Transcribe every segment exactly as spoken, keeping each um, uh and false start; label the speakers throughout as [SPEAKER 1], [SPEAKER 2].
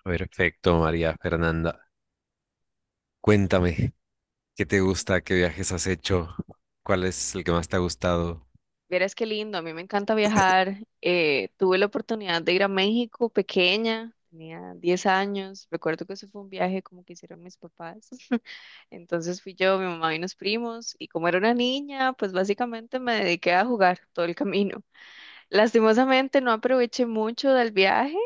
[SPEAKER 1] Perfecto, María Fernanda. Cuéntame, ¿qué te
[SPEAKER 2] Ujú,
[SPEAKER 1] gusta? ¿Qué viajes has hecho? ¿Cuál es el que más te ha
[SPEAKER 2] ujú.
[SPEAKER 1] gustado?
[SPEAKER 2] Vieras qué lindo, a mí me encanta viajar. Eh, tuve la oportunidad de ir a México pequeña, tenía diez años. Recuerdo que ese fue un viaje como que hicieron mis papás. Entonces fui yo, mi mamá y unos primos. Y como era una niña, pues básicamente me dediqué a jugar todo el camino. Lastimosamente no aproveché mucho del viaje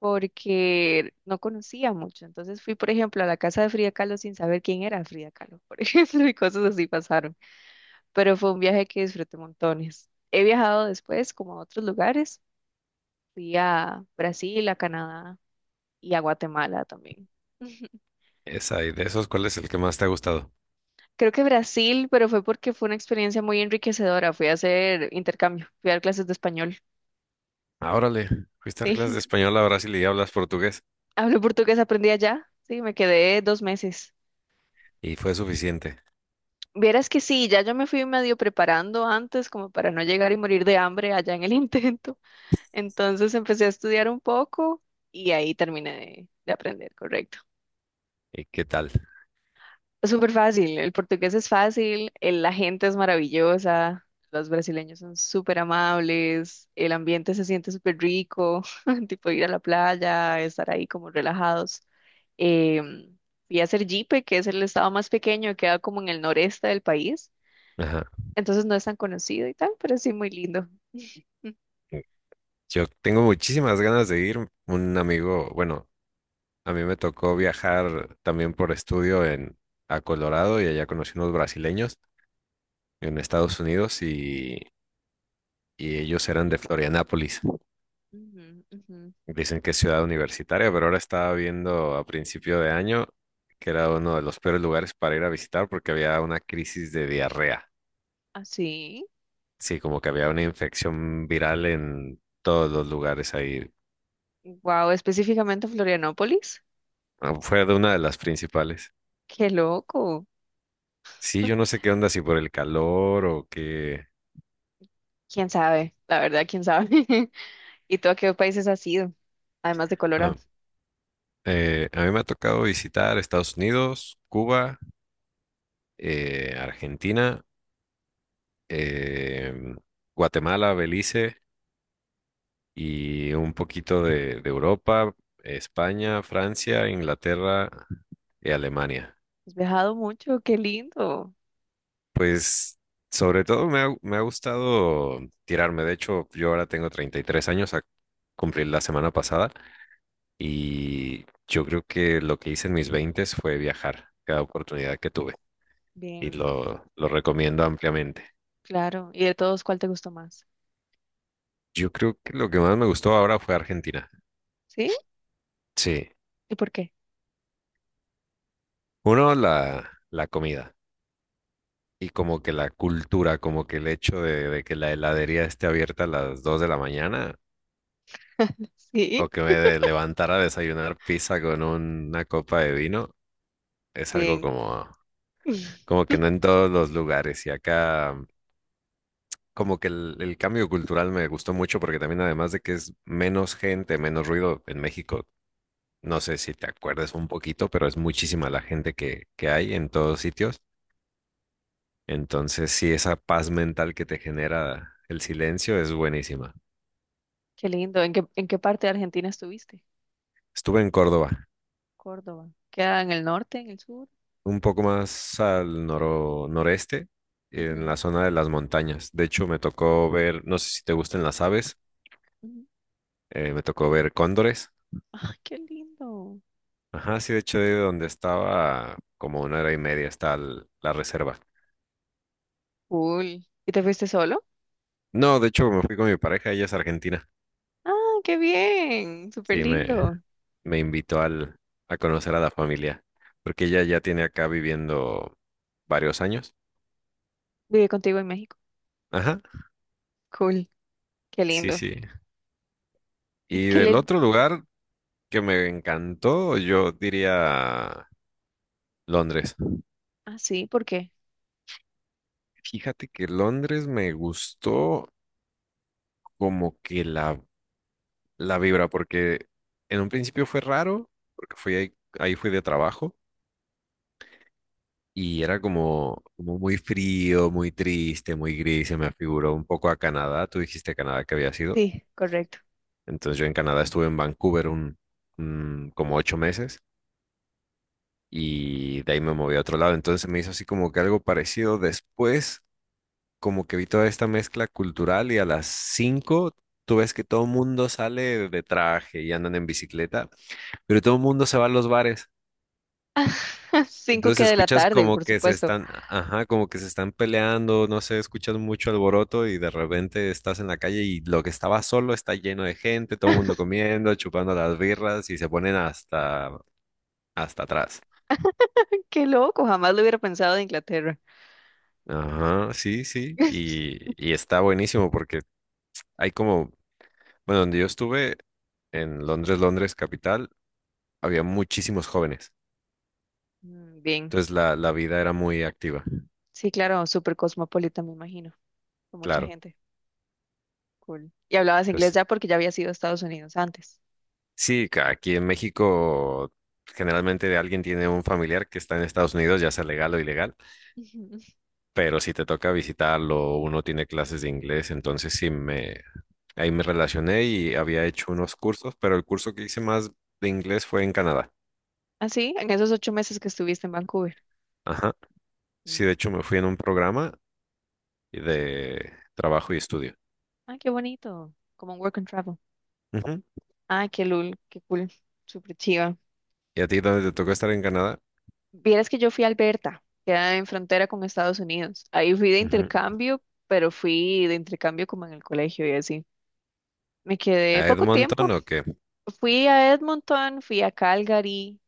[SPEAKER 2] porque no conocía mucho. Entonces fui, por ejemplo, a la casa de Frida Kahlo sin saber quién era Frida Kahlo, por ejemplo, y cosas así pasaron. Pero fue un viaje que disfruté montones. He viajado después como a otros lugares. Fui a Brasil, a Canadá y a Guatemala también.
[SPEAKER 1] Esa, y de esos, ¿cuál es el que más te ha gustado?
[SPEAKER 2] Creo que Brasil, pero fue porque fue una experiencia muy enriquecedora. Fui a hacer intercambio, fui a dar clases de español.
[SPEAKER 1] Ah, órale, fuiste a dar clases
[SPEAKER 2] Sí,
[SPEAKER 1] de español a Brasil y hablas portugués.
[SPEAKER 2] hablo portugués, aprendí allá. Sí, me quedé dos meses.
[SPEAKER 1] Y fue suficiente.
[SPEAKER 2] Vieras que sí, ya yo me fui medio preparando antes como para no llegar y morir de hambre allá en el intento. Entonces empecé a estudiar un poco y ahí terminé de, de aprender, correcto.
[SPEAKER 1] ¿Y qué tal?
[SPEAKER 2] Es súper fácil, el portugués es fácil, el- la gente es maravillosa, los brasileños son súper amables, el ambiente se siente súper rico, tipo ir a la playa, estar ahí como relajados. Em, Fui a Sergipe, que es el estado más pequeño, queda como en el noreste del país.
[SPEAKER 1] Ajá.
[SPEAKER 2] Entonces no es tan conocido y tal, pero sí muy lindo.
[SPEAKER 1] Yo tengo muchísimas ganas de ir. Un amigo, bueno, a mí me tocó viajar también por estudio en, a Colorado y allá conocí unos brasileños en Estados Unidos y, y ellos eran de Florianápolis.
[SPEAKER 2] Ujú, ujú.
[SPEAKER 1] Dicen que es ciudad universitaria, pero ahora estaba viendo a principio de año que era uno de los peores lugares para ir a visitar porque había una crisis de diarrea.
[SPEAKER 2] Ah, sí.
[SPEAKER 1] Sí, como que había una infección viral en todos los lugares ahí.
[SPEAKER 2] Wow, específicamente Florianópolis.
[SPEAKER 1] Ah, fue de una de las principales.
[SPEAKER 2] Qué loco.
[SPEAKER 1] Sí, yo no sé qué onda, si por el calor o qué.
[SPEAKER 2] ¿Quién sabe? La verdad, ¿quién sabe? ¿Y tú a qué países has ido? Además de
[SPEAKER 1] Ah,
[SPEAKER 2] Colorado.
[SPEAKER 1] eh, a mí me ha tocado visitar Estados Unidos, Cuba, eh, Argentina, em, Guatemala, Belice, y un poquito de, de Europa, España, Francia, Inglaterra y Alemania.
[SPEAKER 2] Has viajado mucho, qué lindo.
[SPEAKER 1] Pues sobre todo me ha, me ha gustado tirarme. De hecho, yo ahora tengo treinta y tres años a cumplir la semana pasada y yo creo que lo que hice en mis veintes fue viajar cada oportunidad que tuve y
[SPEAKER 2] Bien,
[SPEAKER 1] lo, lo recomiendo ampliamente.
[SPEAKER 2] claro. ¿Y de todos cuál te gustó más?
[SPEAKER 1] Yo creo que lo que más me gustó ahora fue Argentina.
[SPEAKER 2] ¿Sí?
[SPEAKER 1] Sí.
[SPEAKER 2] ¿Y por qué?
[SPEAKER 1] Uno, la, la comida. Y como que la cultura, como que el hecho de, de que la heladería esté abierta a las dos de la mañana
[SPEAKER 2] Sí.
[SPEAKER 1] o que me de- levantara a desayunar pizza con una copa de vino es algo
[SPEAKER 2] Bien.
[SPEAKER 1] como, como que no en todos los lugares. Y acá como que el, el cambio cultural me gustó mucho porque también además de que es menos gente, menos ruido en México, no sé si te acuerdas un poquito, pero es muchísima la gente que, que hay en todos sitios. Entonces sí, esa paz mental que te genera el silencio es buenísima.
[SPEAKER 2] Qué lindo. ¿En qué, en qué parte de Argentina estuviste?
[SPEAKER 1] Estuve en Córdoba,
[SPEAKER 2] Córdoba. ¿Queda en el norte, en el sur?
[SPEAKER 1] un poco más al noro- noreste, en
[SPEAKER 2] Ujú,
[SPEAKER 1] la zona de las montañas. De hecho, me tocó ver, no sé si te gustan las aves,
[SPEAKER 2] ujú.
[SPEAKER 1] eh, me tocó ver cóndores.
[SPEAKER 2] Ay, qué lindo.
[SPEAKER 1] Ajá, sí, de hecho, de donde estaba, como una hora y media está el- la reserva.
[SPEAKER 2] Cool. ¿Y te fuiste solo?
[SPEAKER 1] No, de hecho, me fui con mi pareja, ella es argentina.
[SPEAKER 2] Ah, qué bien. Súper
[SPEAKER 1] Sí, me,
[SPEAKER 2] lindo.
[SPEAKER 1] me invitó al, a conocer a la familia, porque ella ya tiene acá viviendo varios años.
[SPEAKER 2] Vive contigo en México.
[SPEAKER 1] Ajá,
[SPEAKER 2] Cool. Qué
[SPEAKER 1] sí,
[SPEAKER 2] lindo.
[SPEAKER 1] sí.
[SPEAKER 2] ¿Y
[SPEAKER 1] Y
[SPEAKER 2] qué
[SPEAKER 1] del
[SPEAKER 2] le...
[SPEAKER 1] otro lugar, que me encantó, yo diría Londres.
[SPEAKER 2] Ah, sí, ¿por qué?
[SPEAKER 1] Fíjate que Londres me gustó como que la, la vibra, porque en un principio fue raro, porque fui ahí, ahí fui de trabajo y era como, como muy frío, muy triste, muy gris, se me afiguró un poco a Canadá, tú dijiste Canadá que había sido,
[SPEAKER 2] Sí, correcto.
[SPEAKER 1] entonces yo en Canadá estuve en Vancouver un, un- como ocho meses y de ahí me moví a otro lado, entonces se me hizo así como que algo parecido después como que vi toda esta mezcla cultural y a las cinco tú ves que todo el mundo sale de traje y andan en bicicleta, pero todo el mundo se va a los bares.
[SPEAKER 2] Cinco
[SPEAKER 1] Entonces
[SPEAKER 2] que de la
[SPEAKER 1] escuchas
[SPEAKER 2] tarde,
[SPEAKER 1] como
[SPEAKER 2] por
[SPEAKER 1] que se
[SPEAKER 2] supuesto.
[SPEAKER 1] están, ajá, como que se están peleando, no sé, escuchas mucho alboroto y de repente estás en la calle y lo que estaba solo está lleno de gente, todo el mundo comiendo, chupando las birras y se ponen hasta, hasta atrás.
[SPEAKER 2] Qué loco, jamás lo hubiera pensado de Inglaterra.
[SPEAKER 1] Ajá, sí, sí, y, y está buenísimo porque hay como bueno, donde yo estuve, en Londres, Londres capital, había muchísimos jóvenes.
[SPEAKER 2] Mm, bien.
[SPEAKER 1] Entonces la, la vida era muy activa,
[SPEAKER 2] Sí, claro, súper cosmopolita, me imagino. Con mucha
[SPEAKER 1] claro.
[SPEAKER 2] gente. Cool. Y hablabas inglés
[SPEAKER 1] Pues,
[SPEAKER 2] ya porque ya habías ido a Estados Unidos antes.
[SPEAKER 1] sí, ca- aquí en México generalmente alguien tiene un familiar que está en Estados Unidos, ya sea legal o ilegal,
[SPEAKER 2] Ujú.
[SPEAKER 1] pero si te toca visitarlo, uno tiene clases de inglés, entonces sí me, ahí me relacioné y había hecho unos cursos, pero el curso que hice más de inglés fue en Canadá.
[SPEAKER 2] Ah, sí, en esos ocho meses que estuviste en Vancouver.
[SPEAKER 1] Ajá. Sí,
[SPEAKER 2] Mm.
[SPEAKER 1] de hecho me fui en un programa de trabajo y estudio.
[SPEAKER 2] Ay, qué bonito. Como un work and travel.
[SPEAKER 1] Ujú.
[SPEAKER 2] Ah, qué lul, qué cool, súper chiva.
[SPEAKER 1] ¿Y a ti dónde te tocó estar en Canadá?
[SPEAKER 2] Vieras que yo fui a Alberta, queda en frontera con Estados Unidos. Ahí fui de
[SPEAKER 1] Ujú.
[SPEAKER 2] intercambio, pero fui de intercambio como en el colegio y así. Me
[SPEAKER 1] ¿A
[SPEAKER 2] quedé poco
[SPEAKER 1] Edmonton
[SPEAKER 2] tiempo.
[SPEAKER 1] o qué? ¿A
[SPEAKER 2] Fui a Edmonton, fui a Calgary,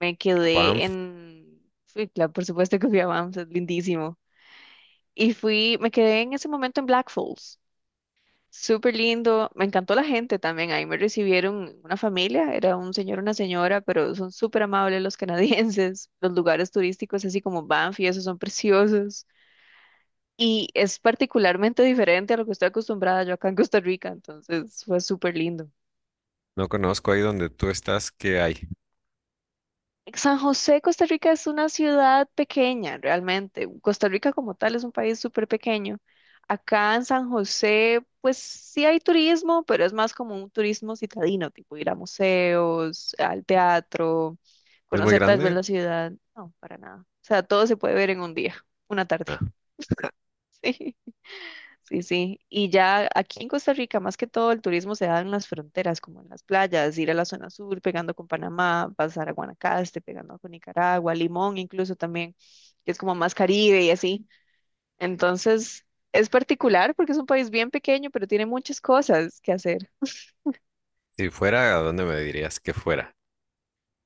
[SPEAKER 2] me quedé
[SPEAKER 1] Banff?
[SPEAKER 2] en... Fui, claro, por supuesto que fui a Banff, es lindísimo. Y fui, me quedé en ese momento en Black Falls. Súper lindo, me encantó la gente también, ahí me recibieron una familia, era un señor, una señora, pero son súper amables los canadienses, los lugares turísticos así como Banff y esos son preciosos y es particularmente diferente a lo que estoy acostumbrada yo acá en Costa Rica, entonces fue súper lindo.
[SPEAKER 1] No conozco ahí donde tú estás, ¿qué hay?
[SPEAKER 2] San José, Costa Rica es una ciudad pequeña, realmente. Costa Rica como tal es un país súper pequeño. Acá en San José, pues sí hay turismo, pero es más como un turismo citadino, tipo ir a museos, al teatro,
[SPEAKER 1] ¿Es muy
[SPEAKER 2] conocer tal vez
[SPEAKER 1] grande?
[SPEAKER 2] la ciudad. No, para nada. O sea, todo se puede ver en un día, una tarde.
[SPEAKER 1] Ah,
[SPEAKER 2] Sí. Sí, sí. Y ya aquí en Costa Rica, más que todo, el turismo se da en las fronteras, como en las playas, ir a la zona sur, pegando con Panamá, pasar a Guanacaste, pegando con Nicaragua, Limón incluso también, que es como más Caribe y así. Entonces, es particular porque es un país bien pequeño, pero tiene muchas cosas que hacer.
[SPEAKER 1] si fuera, ¿a dónde me dirías que fuera?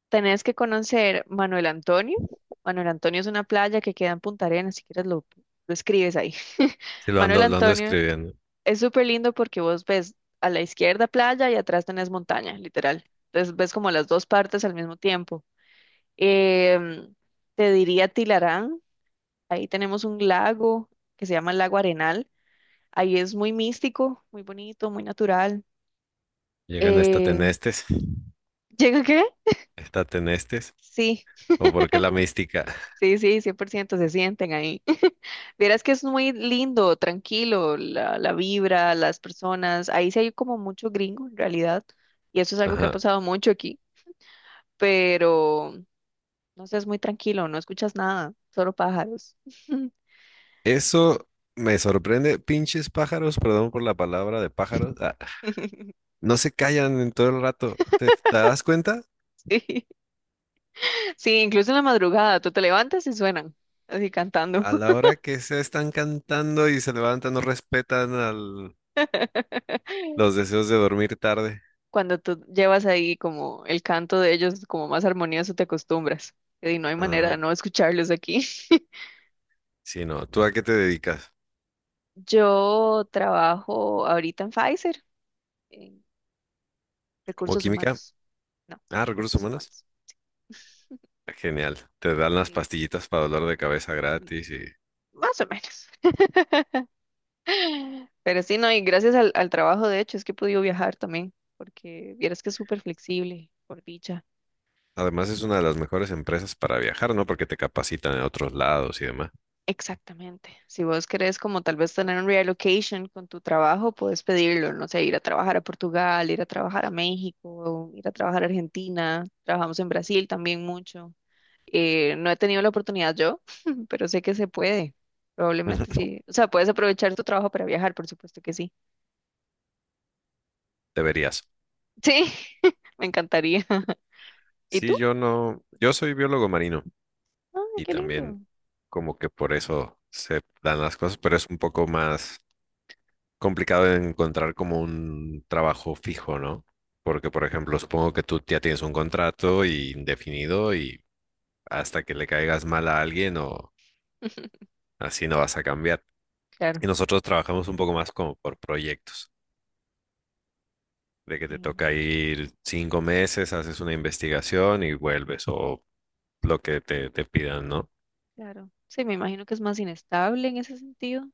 [SPEAKER 2] Tenés que conocer Manuel Antonio. Manuel Antonio es una playa que queda en Punta Arenas, si quieres lo, lo escribes ahí.
[SPEAKER 1] Si lo
[SPEAKER 2] Manuel
[SPEAKER 1] ando, lo ando
[SPEAKER 2] Antonio.
[SPEAKER 1] escribiendo.
[SPEAKER 2] Es súper lindo porque vos ves a la izquierda playa y atrás tenés montaña, literal. Entonces ves como las dos partes al mismo tiempo. Em, Te diría Tilarán, ahí tenemos un lago que se llama el Lago Arenal. Ahí es muy místico, muy bonito, muy natural.
[SPEAKER 1] Llegan
[SPEAKER 2] Eh,
[SPEAKER 1] estatenestes,
[SPEAKER 2] ¿Llega qué?
[SPEAKER 1] estatenestes,
[SPEAKER 2] Sí,
[SPEAKER 1] o por qué la mística.
[SPEAKER 2] sí, sí, cien por ciento se sienten ahí. Verás que es muy lindo, tranquilo, la, la vibra, las personas. Ahí sí hay como mucho gringo en realidad. Y eso es algo que ha
[SPEAKER 1] Ajá.
[SPEAKER 2] pasado mucho aquí. Pero no sé, es muy tranquilo, no escuchas nada, solo pájaros.
[SPEAKER 1] Eso me sorprende. Pinches pájaros, perdón por la palabra de pájaros. Ah, no se callan en todo el rato. ¿Te, te das cuenta?
[SPEAKER 2] Sí, sí, incluso en la madrugada, tú te levantas y suenan, así cantando.
[SPEAKER 1] A la hora que se están cantando y se levantan, no respetan al, los deseos de dormir tarde.
[SPEAKER 2] Cuando tú llevas ahí como el canto de ellos como más armonioso, te acostumbras. Y no hay manera de
[SPEAKER 1] Ah,
[SPEAKER 2] no escucharlos aquí.
[SPEAKER 1] sí, no. ¿Tú a qué te dedicas?
[SPEAKER 2] Yo trabajo ahorita en Pfizer, en
[SPEAKER 1] ¿Como
[SPEAKER 2] recursos
[SPEAKER 1] química?
[SPEAKER 2] humanos. No,
[SPEAKER 1] Ah, recursos
[SPEAKER 2] recursos
[SPEAKER 1] humanos.
[SPEAKER 2] humanos.
[SPEAKER 1] Ah, genial. Te dan las
[SPEAKER 2] Sí,
[SPEAKER 1] pastillitas para dolor de cabeza gratis y
[SPEAKER 2] más o menos. Pero sí, no, y gracias al, al trabajo, de hecho, es que he podido viajar también, porque vieras que es súper flexible, por dicha.
[SPEAKER 1] además es una de las mejores empresas para viajar, ¿no? Porque te capacitan en otros lados y demás.
[SPEAKER 2] Exactamente. Si vos querés como tal vez tener un reallocation con tu trabajo, puedes pedirlo, no sé, ir a trabajar a Portugal, ir a trabajar a México, ir a trabajar a Argentina, trabajamos en Brasil también mucho. Eh, no he tenido la oportunidad yo, pero sé que se puede. Probablemente sí. O sea, puedes aprovechar tu trabajo para viajar, por supuesto que sí.
[SPEAKER 1] Deberías.
[SPEAKER 2] Sí, me encantaría. ¿Y tú?
[SPEAKER 1] Sí, yo no. Yo soy biólogo marino
[SPEAKER 2] Ay,
[SPEAKER 1] y
[SPEAKER 2] qué lindo.
[SPEAKER 1] también como que por eso se dan las cosas, pero es un poco más complicado de encontrar como un trabajo fijo, ¿no? Porque, por ejemplo, supongo que tú ya tienes un contrato y indefinido y hasta que le caigas mal a alguien o así no vas a cambiar.
[SPEAKER 2] Claro.
[SPEAKER 1] Y nosotros trabajamos un poco más como por proyectos, de que te
[SPEAKER 2] Sí.
[SPEAKER 1] toca ir cinco meses, haces una investigación y vuelves o lo que te, te pidan, ¿no?
[SPEAKER 2] Claro. Sí, me imagino que es más inestable en ese sentido.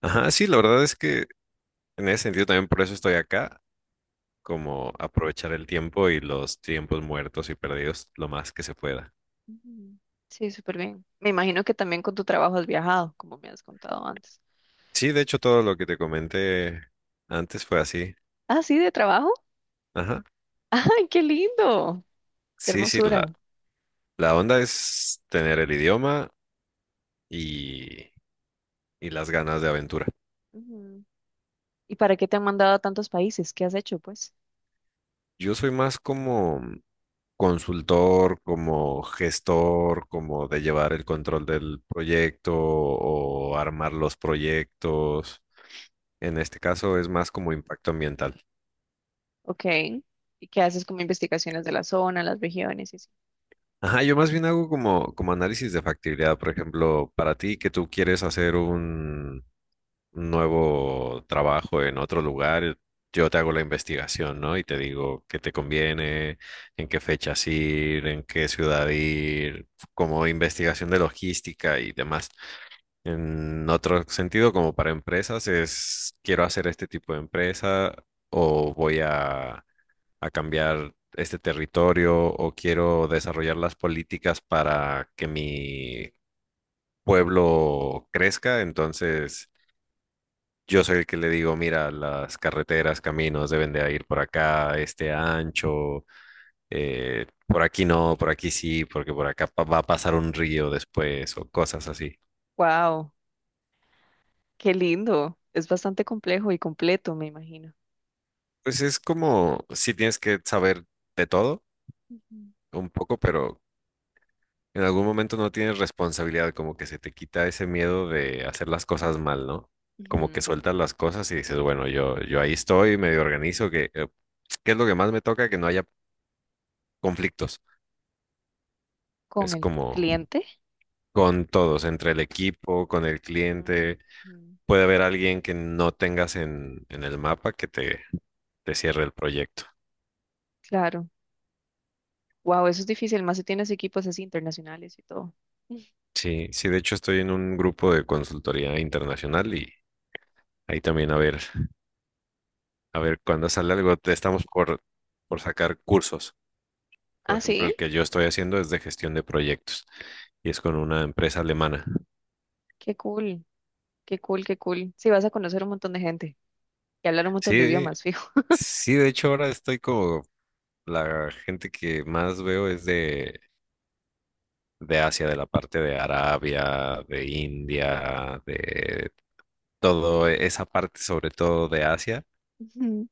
[SPEAKER 1] Ajá, sí, la verdad es que en ese sentido también por eso estoy acá, como aprovechar el tiempo y los tiempos muertos y perdidos lo más que se pueda.
[SPEAKER 2] Ujú. Sí, súper bien. Me imagino que también con tu trabajo has viajado, como me has contado antes.
[SPEAKER 1] Sí, de hecho todo lo que te comenté antes fue así.
[SPEAKER 2] Ah, sí, de trabajo.
[SPEAKER 1] Ajá.
[SPEAKER 2] ¡Ay, qué lindo! ¡Qué
[SPEAKER 1] Sí, sí, la,
[SPEAKER 2] hermosura!
[SPEAKER 1] la onda es tener el idioma y, y las ganas de aventura.
[SPEAKER 2] Ujú. ¿Y para qué te han mandado a tantos países? ¿Qué has hecho, pues?
[SPEAKER 1] Yo soy más como consultor, como gestor, como de llevar el control del proyecto o armar los proyectos. En este caso es más como impacto ambiental.
[SPEAKER 2] Ok. ¿Y qué haces como investigaciones de la zona, las regiones y así?
[SPEAKER 1] Ajá, yo más bien hago como, como análisis de factibilidad. Por ejemplo, para ti que tú quieres hacer nuevo trabajo en otro lugar, yo te hago la investigación, ¿no? Y te digo qué te conviene, en qué fechas ir, en qué ciudad ir, como investigación de logística y demás. En otro sentido, como para empresas, es quiero hacer este tipo de empresa o voy a, a cambiar este territorio o quiero desarrollar las políticas para que mi pueblo crezca, entonces yo soy el que le digo, mira, las carreteras, caminos deben de ir por acá, este ancho, eh, por aquí no, por aquí sí, porque por acá pa- va a pasar un río después o cosas así.
[SPEAKER 2] ¡Wow! ¡Qué lindo! Es bastante complejo y completo, me imagino.
[SPEAKER 1] Pues es como, sí tienes que saber de todo
[SPEAKER 2] Ujú.
[SPEAKER 1] un poco, pero en algún momento no tienes responsabilidad, como que se te quita ese miedo de hacer las cosas mal, ¿no? Como que
[SPEAKER 2] Ujú.
[SPEAKER 1] sueltas las cosas y dices, bueno, yo, yo ahí estoy, medio organizo, que, eh, ¿qué es lo que más me toca? Que no haya conflictos.
[SPEAKER 2] ¿Con
[SPEAKER 1] Es
[SPEAKER 2] el
[SPEAKER 1] como
[SPEAKER 2] cliente?
[SPEAKER 1] con todos, entre el equipo, con el
[SPEAKER 2] Mm,
[SPEAKER 1] cliente.
[SPEAKER 2] mm.
[SPEAKER 1] Puede haber alguien que no tengas en, en el mapa que te, te cierre el proyecto.
[SPEAKER 2] Claro. Wow, eso es difícil, más si tienes equipos así internacionales y todo.
[SPEAKER 1] Sí, sí, de hecho estoy en un grupo de consultoría internacional y ahí también a ver, a ver cuando sale algo, te- estamos por, por sacar cursos. Por
[SPEAKER 2] Ah,
[SPEAKER 1] ejemplo,
[SPEAKER 2] sí,
[SPEAKER 1] el que yo estoy haciendo es de gestión de proyectos y es con una empresa alemana.
[SPEAKER 2] qué cool, qué cool, qué cool. Sí, vas a conocer un montón de gente y hablar un montón de
[SPEAKER 1] Sí,
[SPEAKER 2] idiomas, fijo.
[SPEAKER 1] sí, de hecho ahora estoy como la gente que más veo es de de Asia, de la parte de Arabia, de India, de todo esa parte, sobre todo de Asia.
[SPEAKER 2] Ujú.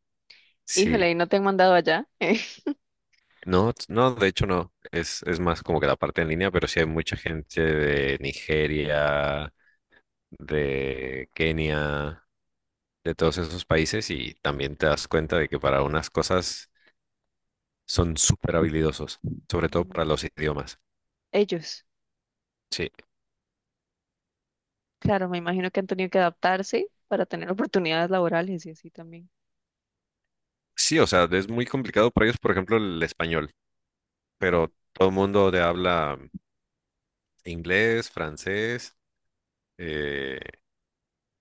[SPEAKER 1] Sí,
[SPEAKER 2] Híjole, ¿y no te han mandado allá?
[SPEAKER 1] no, t- no, de hecho no, es, es más como que la parte en línea, pero sí hay mucha gente de Nigeria, de Kenia, de todos esos países y también te das cuenta de que para unas cosas son súper habilidosos, sobre todo
[SPEAKER 2] Ujú.
[SPEAKER 1] para los idiomas.
[SPEAKER 2] Ellos,
[SPEAKER 1] Sí,
[SPEAKER 2] claro, me imagino que han tenido que adaptarse para tener oportunidades laborales y así también.
[SPEAKER 1] sí, o sea, es muy complicado para ellos, por ejemplo, el español,
[SPEAKER 2] Ujú.
[SPEAKER 1] pero todo el mundo de habla inglés, francés, eh,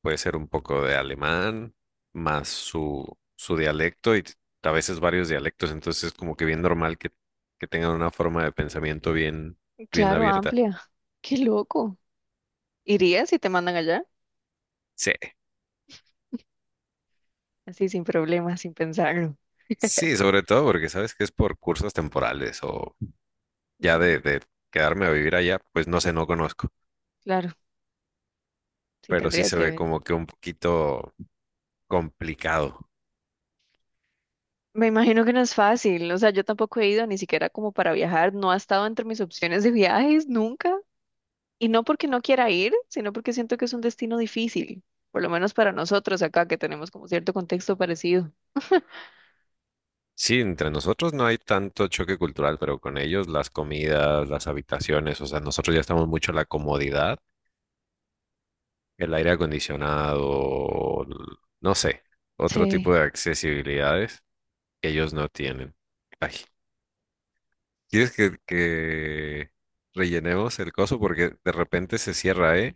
[SPEAKER 1] puede ser un poco de alemán, más su, su dialecto y a veces varios dialectos, entonces es como que bien normal que, que tengan una forma de pensamiento bien, bien
[SPEAKER 2] Claro,
[SPEAKER 1] abierta.
[SPEAKER 2] amplia. Qué loco. ¿Irías si te mandan allá?
[SPEAKER 1] Sí,
[SPEAKER 2] Así sin problemas, sin pensarlo.
[SPEAKER 1] sí, sobre todo porque sabes que es por cursos temporales o ya de,
[SPEAKER 2] Ujú.
[SPEAKER 1] de quedarme a vivir allá, pues no sé, no conozco,
[SPEAKER 2] Claro, sí
[SPEAKER 1] pero sí
[SPEAKER 2] tendrías
[SPEAKER 1] se
[SPEAKER 2] que
[SPEAKER 1] ve
[SPEAKER 2] ver.
[SPEAKER 1] como que un poquito complicado.
[SPEAKER 2] Me imagino que no es fácil, o sea, yo tampoco he ido ni siquiera como para viajar, no ha estado entre mis opciones de viajes nunca, y no porque no quiera ir, sino porque siento que es un destino difícil, por lo menos para nosotros acá que tenemos como cierto contexto parecido.
[SPEAKER 1] Sí, entre nosotros no hay tanto choque cultural, pero con ellos las comidas, las habitaciones, o sea, nosotros ya estamos mucho en la comodidad, el aire acondicionado, l- no sé, otro tipo
[SPEAKER 2] Sí.
[SPEAKER 1] de accesibilidades que ellos no tienen. Ay, ¿quieres que, que rellenemos el coso? Porque de repente se cierra, ¿eh?